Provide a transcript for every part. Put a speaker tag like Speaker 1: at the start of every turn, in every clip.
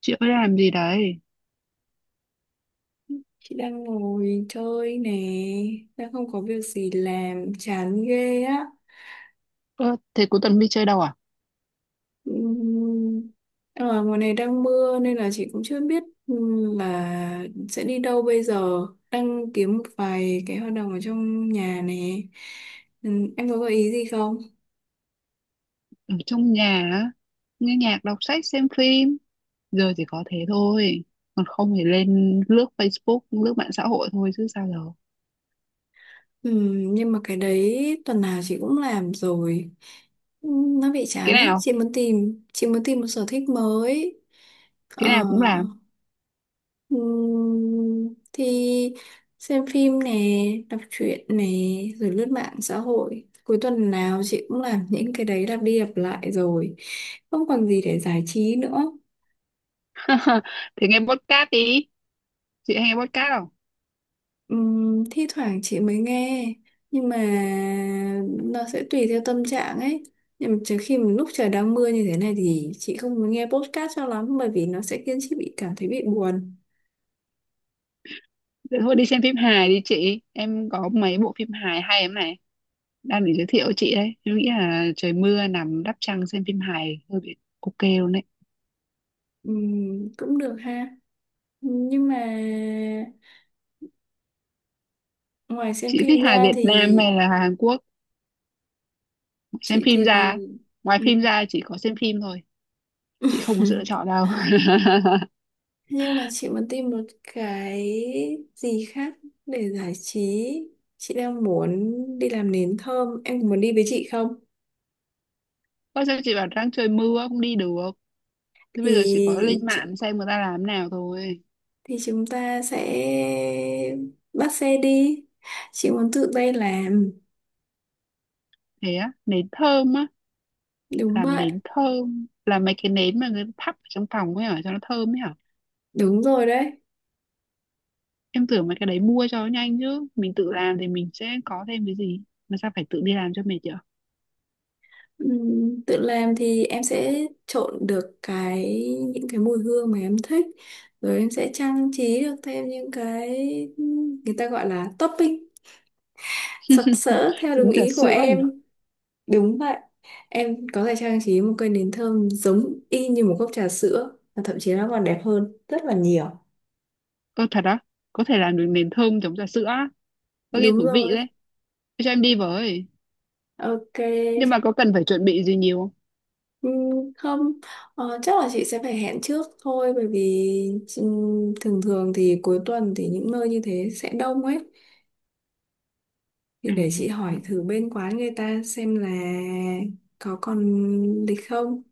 Speaker 1: Chị mới làm gì đấy?
Speaker 2: Chị đang ngồi chơi nè, đang không có việc gì làm, chán ghê á.
Speaker 1: Ơ, thế cuối tuần đi chơi đâu à?
Speaker 2: Ừm, Ở ngoài này đang mưa nên là chị cũng chưa biết là sẽ đi đâu bây giờ. Đang kiếm một vài cái hoạt động ở trong nhà nè. Em có gợi ý gì không?
Speaker 1: Ở trong nhà, á, nghe nhạc, đọc sách, xem phim. Giờ chỉ có thế thôi. Còn không thì lên lướt Facebook, lướt mạng xã hội thôi chứ sao giờ.
Speaker 2: Nhưng mà cái đấy tuần nào chị cũng làm rồi. Nó bị chán
Speaker 1: Cái
Speaker 2: ấy,
Speaker 1: nào,
Speaker 2: chị muốn tìm một sở thích mới. Ờ.
Speaker 1: cái nào cũng làm.
Speaker 2: Thì xem phim nè, đọc truyện nè, rồi lướt mạng xã hội. Cuối tuần nào chị cũng làm những cái đấy lặp đi lặp lại rồi. Không còn gì để giải trí nữa.
Speaker 1: Thì nghe podcast đi. Chị hay nghe podcast không?
Speaker 2: Thi thoảng chị mới nghe, nhưng mà nó sẽ tùy theo tâm trạng ấy. Nhưng mà trừ khi mà lúc trời đang mưa như thế này thì chị không muốn nghe podcast cho lắm bởi vì nó sẽ khiến chị bị cảm thấy bị buồn.
Speaker 1: Thế thôi đi xem phim hài đi chị. Em có mấy bộ phim hài hay lắm này. Đang để giới thiệu chị đấy. Em nghĩ là trời mưa nằm đắp chăn xem phim hài hơi bị ok luôn đấy.
Speaker 2: Cũng được ha. Nhưng mà ngoài xem
Speaker 1: Chị
Speaker 2: phim
Speaker 1: thích hài
Speaker 2: ra
Speaker 1: Việt
Speaker 2: thì
Speaker 1: Nam hay là Hàn Quốc? Xem
Speaker 2: chị
Speaker 1: phim
Speaker 2: thì
Speaker 1: ra, ngoài
Speaker 2: ừ.
Speaker 1: phim ra chỉ có xem phim thôi, chị không có sự lựa chọn đâu.
Speaker 2: Nhưng mà chị muốn tìm một cái gì khác để giải trí. Chị đang muốn đi làm nến thơm, em có muốn đi với chị không?
Speaker 1: Có sao, chị bảo đang trời mưa không đi được, thế bây giờ chỉ có lên
Speaker 2: thì chị,
Speaker 1: mạng xem người ta làm nào thôi.
Speaker 2: thì chúng ta sẽ bắt xe đi, chị muốn tự tay làm.
Speaker 1: Thế á, nến thơm á?
Speaker 2: Đúng
Speaker 1: Làm
Speaker 2: vậy.
Speaker 1: nến thơm, làm mấy cái nến mà người ta thắp ở trong phòng ấy hả, cho nó thơm ấy hả?
Speaker 2: Đúng rồi đấy.
Speaker 1: Em tưởng mấy cái đấy mua cho nó nhanh chứ, mình tự làm thì mình sẽ có thêm cái gì mà sao phải tự đi làm cho mệt chứ.
Speaker 2: Tự làm thì em sẽ trộn được những cái mùi hương mà em thích, rồi em sẽ trang trí được thêm những cái người ta gọi là topping sặc sỡ theo đúng
Speaker 1: Giống trà
Speaker 2: ý của
Speaker 1: sữa nhỉ.
Speaker 2: em. Đúng vậy. Em có thể trang trí một cây nến thơm giống y như một cốc trà sữa và thậm chí nó còn đẹp hơn rất là nhiều.
Speaker 1: Có thật á? Có thể làm được nến thơm giống trà sữa á? Có nghe
Speaker 2: Đúng
Speaker 1: thú
Speaker 2: rồi.
Speaker 1: vị đấy. Thế cho em đi với.
Speaker 2: Ok.
Speaker 1: Nhưng mà có cần phải chuẩn bị gì nhiều không?
Speaker 2: Ừ, không, chắc là chị sẽ phải hẹn trước thôi bởi vì thường thường thì cuối tuần thì những nơi như thế sẽ đông ấy, thì
Speaker 1: À,
Speaker 2: để chị hỏi thử bên quán người ta xem là có còn lịch không.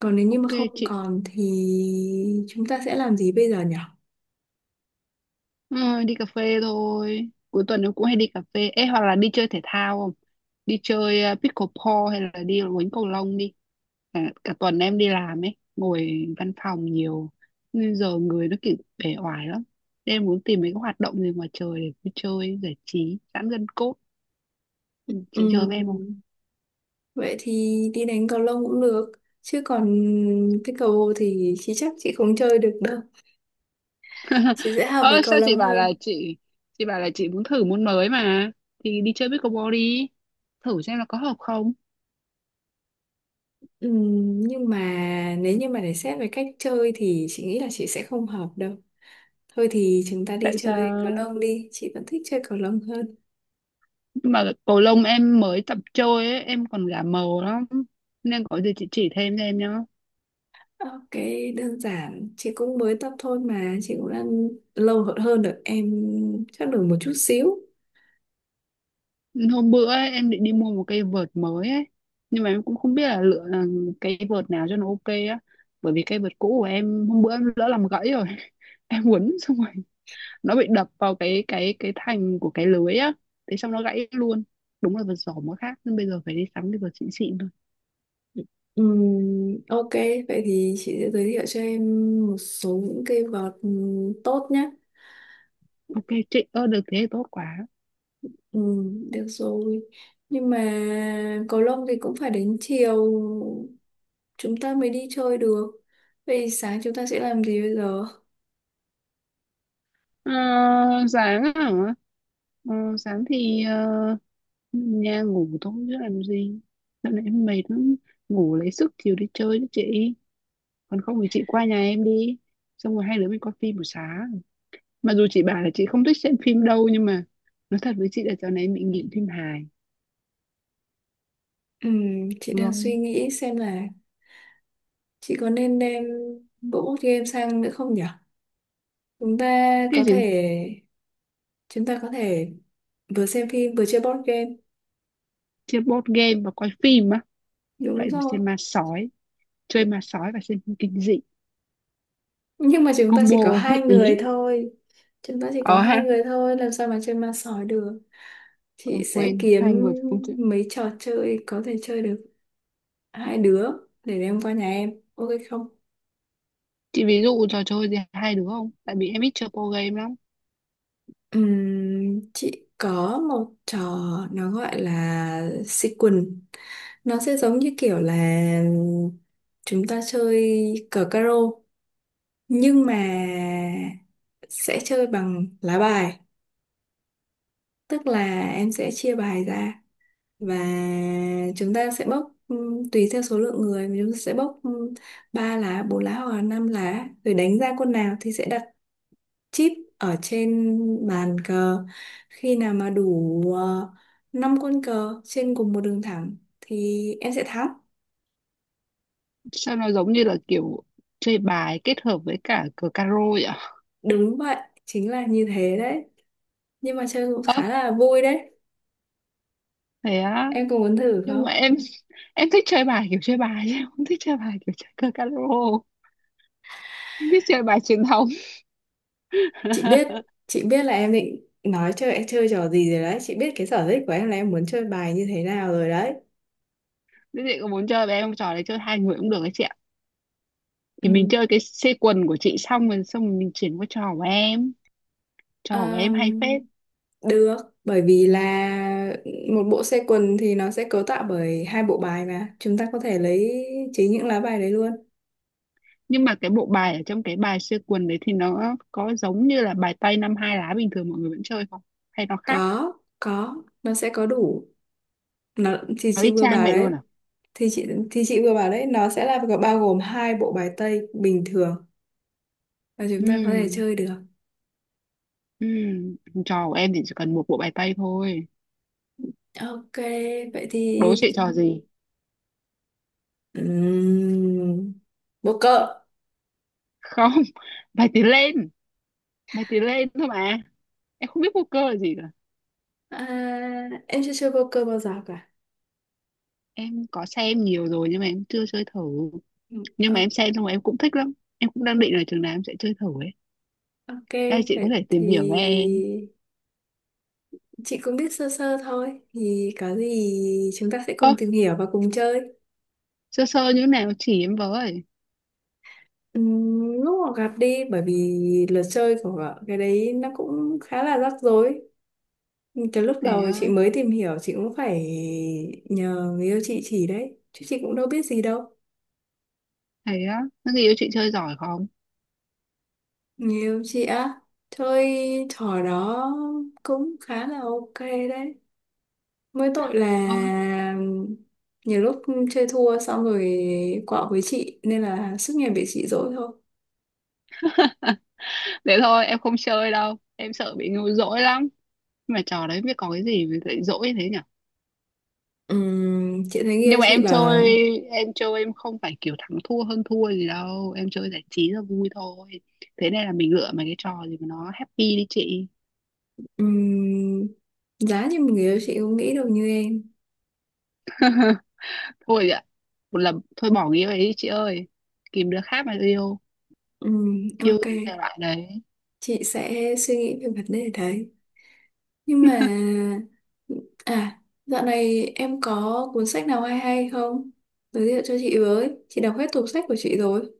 Speaker 2: Còn nếu như mà
Speaker 1: ok
Speaker 2: không
Speaker 1: chị.
Speaker 2: còn thì chúng ta sẽ làm gì bây giờ nhỉ?
Speaker 1: Ờ, đi cà phê thôi. Cuối tuần nó cũng hay đi cà phê. Ê, hoặc là đi chơi thể thao không? Đi chơi pickleball hay là đi đánh cầu lông đi. Cả tuần em đi làm ấy. Ngồi văn phòng nhiều. Nên giờ người nó kiểu bể oải lắm. Nên em muốn tìm mấy cái hoạt động gì ngoài trời để đi chơi, giải trí, giãn gân cốt. Chị chơi với em không?
Speaker 2: Ừm, Vậy thì đi đánh cầu lông cũng được, chứ còn cái cầu thì chị chắc chị không chơi được đâu. Chị sẽ hợp với
Speaker 1: Ơ
Speaker 2: cầu
Speaker 1: sao chị
Speaker 2: lông
Speaker 1: bảo là
Speaker 2: hơn.
Speaker 1: chị bảo là chị muốn thử môn mới mà, thì đi chơi pickleball đi, thử xem là có hợp không.
Speaker 2: Nhưng mà nếu như mà để xét về cách chơi thì chị nghĩ là chị sẽ không hợp đâu. Thôi thì chúng ta đi
Speaker 1: Tại
Speaker 2: chơi cầu
Speaker 1: sao?
Speaker 2: lông đi, chị vẫn thích chơi cầu lông hơn.
Speaker 1: Mà cầu lông em mới tập chơi ấy, em còn gà màu lắm, nên có gì chị chỉ thêm cho em nhá.
Speaker 2: Ok, đơn giản, chị cũng mới tập thôi mà, chị cũng đang lâu hơn hơn được em chắc được một chút xíu.
Speaker 1: Hôm bữa ấy, em định đi mua một cây vợt mới ấy, nhưng mà em cũng không biết là lựa cây vợt nào cho nó ok á, bởi vì cây vợt cũ của em hôm bữa em lỡ làm gãy rồi. Em quấn xong rồi, nó bị đập vào cái thành của cái lưới á, thế xong nó gãy luôn. Đúng là vật giỏ mới khác, nhưng bây giờ phải đi sắm cái vật xịn xịn thôi.
Speaker 2: Ok, vậy thì chị sẽ giới thiệu cho em một số những cây vợt tốt nhé.
Speaker 1: Ok chị, ơ được, thế thì tốt quá.
Speaker 2: Được rồi. Nhưng mà cầu lông thì cũng phải đến chiều chúng ta mới đi chơi được. Vậy sáng chúng ta sẽ làm gì bây giờ?
Speaker 1: Ờ, sáng hả? Ờ, sáng thì nhà ngủ thôi chứ làm gì. Dạo này em mệt lắm, ngủ lấy sức chiều đi chơi chứ chị. Còn không thì chị qua nhà em đi, xong rồi hai đứa mình coi phim buổi sáng. Mặc dù chị bảo là chị không thích xem phim đâu, nhưng mà nói thật với chị là dạo này em bị nghiện phim hài.
Speaker 2: Chị đang suy
Speaker 1: Vâng.
Speaker 2: nghĩ xem là chị có nên đem bộ board game sang nữa không nhỉ? Chúng ta
Speaker 1: Cái
Speaker 2: có
Speaker 1: gì?
Speaker 2: thể chúng ta có thể vừa xem phim vừa chơi board game.
Speaker 1: Chơi board game và coi phim á?
Speaker 2: Đúng
Speaker 1: Vậy thì
Speaker 2: rồi.
Speaker 1: xem ma sói, chơi ma sói và xem phim kinh dị.
Speaker 2: Nhưng mà chúng ta chỉ có
Speaker 1: Combo
Speaker 2: hai
Speaker 1: hết
Speaker 2: người
Speaker 1: ý.
Speaker 2: thôi. Chúng ta chỉ có
Speaker 1: Ờ
Speaker 2: hai
Speaker 1: ha,
Speaker 2: người thôi, làm sao mà chơi ma sói được.
Speaker 1: ờ
Speaker 2: Chị sẽ
Speaker 1: quên, hai
Speaker 2: kiếm
Speaker 1: người thì không chơi.
Speaker 2: mấy trò chơi có thể chơi được hai đứa để đem qua nhà em. Ok không?
Speaker 1: Chị ví dụ trò chơi gì hai đứa không, tại vì em ít chơi board game lắm.
Speaker 2: Chị có một trò nó gọi là sequence, nó sẽ giống như kiểu là chúng ta chơi cờ caro nhưng mà sẽ chơi bằng lá bài, tức là em sẽ chia bài ra và chúng ta sẽ bóc tùy theo số lượng người mà chúng ta sẽ bóc ba lá, bốn lá hoặc là năm lá, rồi đánh ra con nào thì sẽ đặt chip ở trên bàn cờ. Khi nào mà đủ uh, 5 con cờ trên cùng một đường thẳng thì em sẽ thắng.
Speaker 1: Sao nó giống như là kiểu chơi bài kết hợp với cả cờ caro vậy ạ?
Speaker 2: Đúng vậy. Chính là như thế đấy, nhưng mà chơi cũng
Speaker 1: Ơ,
Speaker 2: khá là vui đấy.
Speaker 1: thế á?
Speaker 2: Em có muốn thử
Speaker 1: Nhưng
Speaker 2: không?
Speaker 1: mà em thích chơi bài kiểu chơi bài, chứ em không thích chơi bài kiểu chơi cờ caro. Em thích chơi bài truyền thống.
Speaker 2: chị biết chị biết là em định nói chơi chơi trò gì rồi đấy. Chị biết cái sở thích của em là em muốn chơi bài như thế nào rồi đấy.
Speaker 1: Thế chị có muốn chơi với em không? Trò đấy chơi hai người cũng được ấy chị ạ. Thì mình
Speaker 2: Ừ.
Speaker 1: chơi cái xê quần của chị, xong rồi mình chuyển qua trò của em. Trò của em hay
Speaker 2: Ờm,
Speaker 1: phết.
Speaker 2: Được, bởi vì là một bộ xe quần thì nó sẽ cấu tạo bởi hai bộ bài mà chúng ta có thể lấy chính những lá bài đấy luôn.
Speaker 1: Nhưng mà cái bộ bài ở trong cái bài xê quần đấy thì nó có giống như là bài tây năm hai lá bình thường mọi người vẫn chơi không, hay nó khác?
Speaker 2: Có, có. Nó sẽ có đủ. Nó thì
Speaker 1: Nó
Speaker 2: chị
Speaker 1: y
Speaker 2: vừa
Speaker 1: chang
Speaker 2: bảo
Speaker 1: vậy
Speaker 2: đấy,
Speaker 1: luôn à?
Speaker 2: thì chị vừa bảo đấy, nó sẽ là bao gồm hai bộ bài tây bình thường và chúng ta có thể
Speaker 1: ừ
Speaker 2: chơi được.
Speaker 1: ừ Trò của em thì chỉ cần một bộ bài tây thôi.
Speaker 2: Ok, vậy thì
Speaker 1: Đố chị trò
Speaker 2: chúng...
Speaker 1: gì.
Speaker 2: Ừm, Poker.
Speaker 1: Không. Bài tiến lên, bài tiến lên thôi mà. Em không biết poker là gì cả.
Speaker 2: À, em chưa chơi poker bao giờ cả.
Speaker 1: Em có xem nhiều rồi nhưng mà em chưa chơi thử.
Speaker 2: Ừ,
Speaker 1: Nhưng mà em
Speaker 2: ok.
Speaker 1: xem xong rồi em cũng thích lắm, em cũng đang định là chừng nào em sẽ chơi thử ấy.
Speaker 2: Ok,
Speaker 1: Ê, chị có
Speaker 2: vậy
Speaker 1: thể
Speaker 2: thì
Speaker 1: tìm hiểu về em.
Speaker 2: chị cũng biết sơ sơ thôi. Thì có gì chúng ta sẽ
Speaker 1: Ơ,
Speaker 2: cùng tìm hiểu và cùng chơi.
Speaker 1: sơ sơ như thế nào chỉ em với.
Speaker 2: Lúc mà gặp đi, bởi vì luật chơi của cái đấy nó cũng khá là rắc rối. Cái lúc
Speaker 1: Thế
Speaker 2: đầu
Speaker 1: á,
Speaker 2: chị mới tìm hiểu, chị cũng phải nhờ người yêu chị chỉ đấy. Chứ chị cũng đâu biết gì đâu.
Speaker 1: nó người yêu chị chơi giỏi không?
Speaker 2: Người yêu chị á, chơi trò đó cũng khá là ok đấy. Mỗi tội là
Speaker 1: Ơ,
Speaker 2: nhiều lúc chơi thua xong rồi quạo với chị nên là suốt ngày bị chị dỗi thôi.
Speaker 1: thế thôi, em không chơi đâu. Em sợ bị ngu dỗi lắm. Nhưng mà trò đấy biết có cái gì mà lại dỗi thế nhỉ?
Speaker 2: Chị thấy người yêu
Speaker 1: Nhưng mà
Speaker 2: chị
Speaker 1: em
Speaker 2: bảo
Speaker 1: chơi,
Speaker 2: là
Speaker 1: em chơi em không phải kiểu thắng thua hơn thua gì đâu. Em chơi giải trí là vui thôi. Thế này là mình lựa mấy cái trò gì mà nó happy đi chị.
Speaker 2: ừm, giá như một người yêu chị không nghĩ được như em.
Speaker 1: Thôi ạ, một lần, thôi bỏ nghĩa ấy đi chị ơi, tìm đứa khác mà yêu. Yêu
Speaker 2: Ok,
Speaker 1: thì thể loại đấy.
Speaker 2: chị sẽ suy nghĩ về vấn đề đấy. Nhưng mà à, dạo này em có cuốn sách nào hay hay không? Giới thiệu cho chị với. Chị đọc hết tủ sách của chị rồi.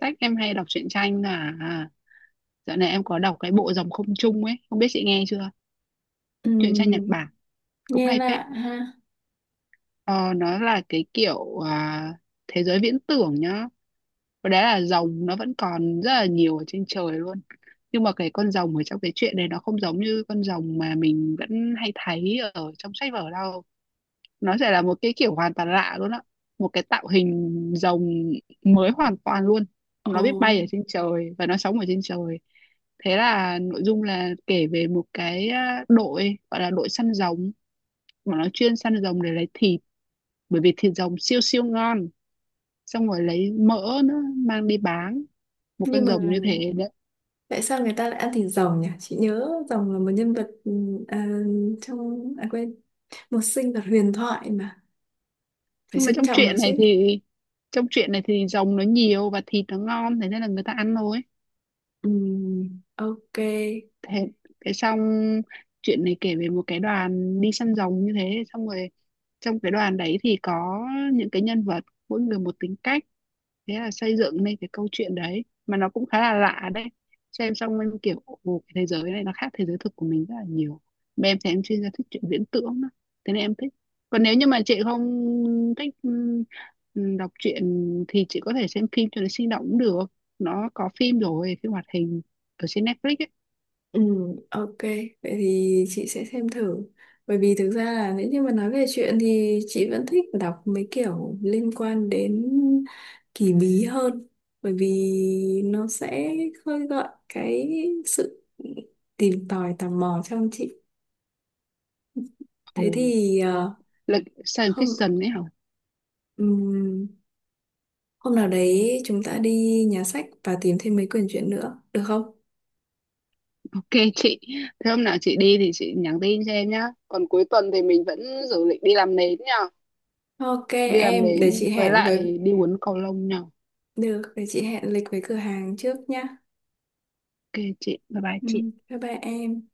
Speaker 1: Sách em hay đọc truyện tranh là dạo này em có đọc cái bộ Dòng không trung ấy, không biết chị nghe chưa? Truyện tranh Nhật
Speaker 2: Ừm,
Speaker 1: Bản cũng
Speaker 2: Nghe
Speaker 1: hay phết.
Speaker 2: lạ ha.
Speaker 1: Ờ, nó là cái kiểu thế giới viễn tưởng nhá. Và đấy là rồng nó vẫn còn rất là nhiều ở trên trời luôn. Nhưng mà cái con rồng ở trong cái chuyện này nó không giống như con rồng mà mình vẫn hay thấy ở trong sách vở đâu. Nó sẽ là một cái kiểu hoàn toàn lạ luôn á, một cái tạo hình rồng mới hoàn toàn luôn. Nó biết
Speaker 2: Ồ,
Speaker 1: bay ở trên trời và nó sống ở trên trời. Thế là nội dung là kể về một cái đội, gọi là đội săn rồng, mà nó chuyên săn rồng để lấy thịt, bởi vì thịt rồng siêu siêu ngon, xong rồi lấy mỡ nữa mang đi bán một
Speaker 2: nhưng
Speaker 1: con
Speaker 2: mà
Speaker 1: rồng như thế đấy.
Speaker 2: tại sao người ta lại ăn thịt rồng nhỉ? Chị nhớ rồng là một nhân vật à, trong à quên, một sinh vật huyền thoại mà phải
Speaker 1: Nhưng mà
Speaker 2: trân trọng nó chứ.
Speaker 1: trong chuyện này thì rồng nó nhiều và thịt nó ngon thế nên là người ta ăn thôi.
Speaker 2: Ừm, ok.
Speaker 1: Thế, cái xong, chuyện này kể về một cái đoàn đi săn rồng như thế, xong rồi trong cái đoàn đấy thì có những cái nhân vật, mỗi người một tính cách, thế là xây dựng nên cái câu chuyện đấy mà nó cũng khá là lạ đấy. Xem xong em kiểu ồ, cái thế giới này nó khác thế giới thực của mình rất là nhiều, mà em thì em chuyên gia thích chuyện viễn tưởng đó. Thế nên em thích. Còn nếu như mà chị không thích đọc truyện thì chị có thể xem phim cho nó sinh động cũng được, nó có phim rồi phim hoạt hình ở trên Netflix ấy.
Speaker 2: Ok. Vậy thì chị sẽ xem thử. Bởi vì thực ra là nếu như mà nói về chuyện thì chị vẫn thích đọc mấy kiểu liên quan đến kỳ bí hơn. Bởi vì nó sẽ khơi gợi cái sự tìm tòi tò mò trong chị.
Speaker 1: Ồ.
Speaker 2: Thế thì
Speaker 1: Lịch science
Speaker 2: không.
Speaker 1: fiction ấy hả?
Speaker 2: Ừm, Hôm nào đấy chúng ta đi nhà sách và tìm thêm mấy quyển truyện nữa, được không?
Speaker 1: Ok chị. Thế hôm nào chị đi thì chị nhắn tin cho em nhá. Còn cuối tuần thì mình vẫn dự định đi làm nến nhá.
Speaker 2: Ok
Speaker 1: Đi làm
Speaker 2: em, để
Speaker 1: nến
Speaker 2: chị
Speaker 1: với
Speaker 2: hẹn với
Speaker 1: lại đi uống cầu lông nhá.
Speaker 2: được, để chị hẹn lịch với cửa hàng trước nhá.
Speaker 1: Ok chị. Bye bye chị.
Speaker 2: Bye bye em.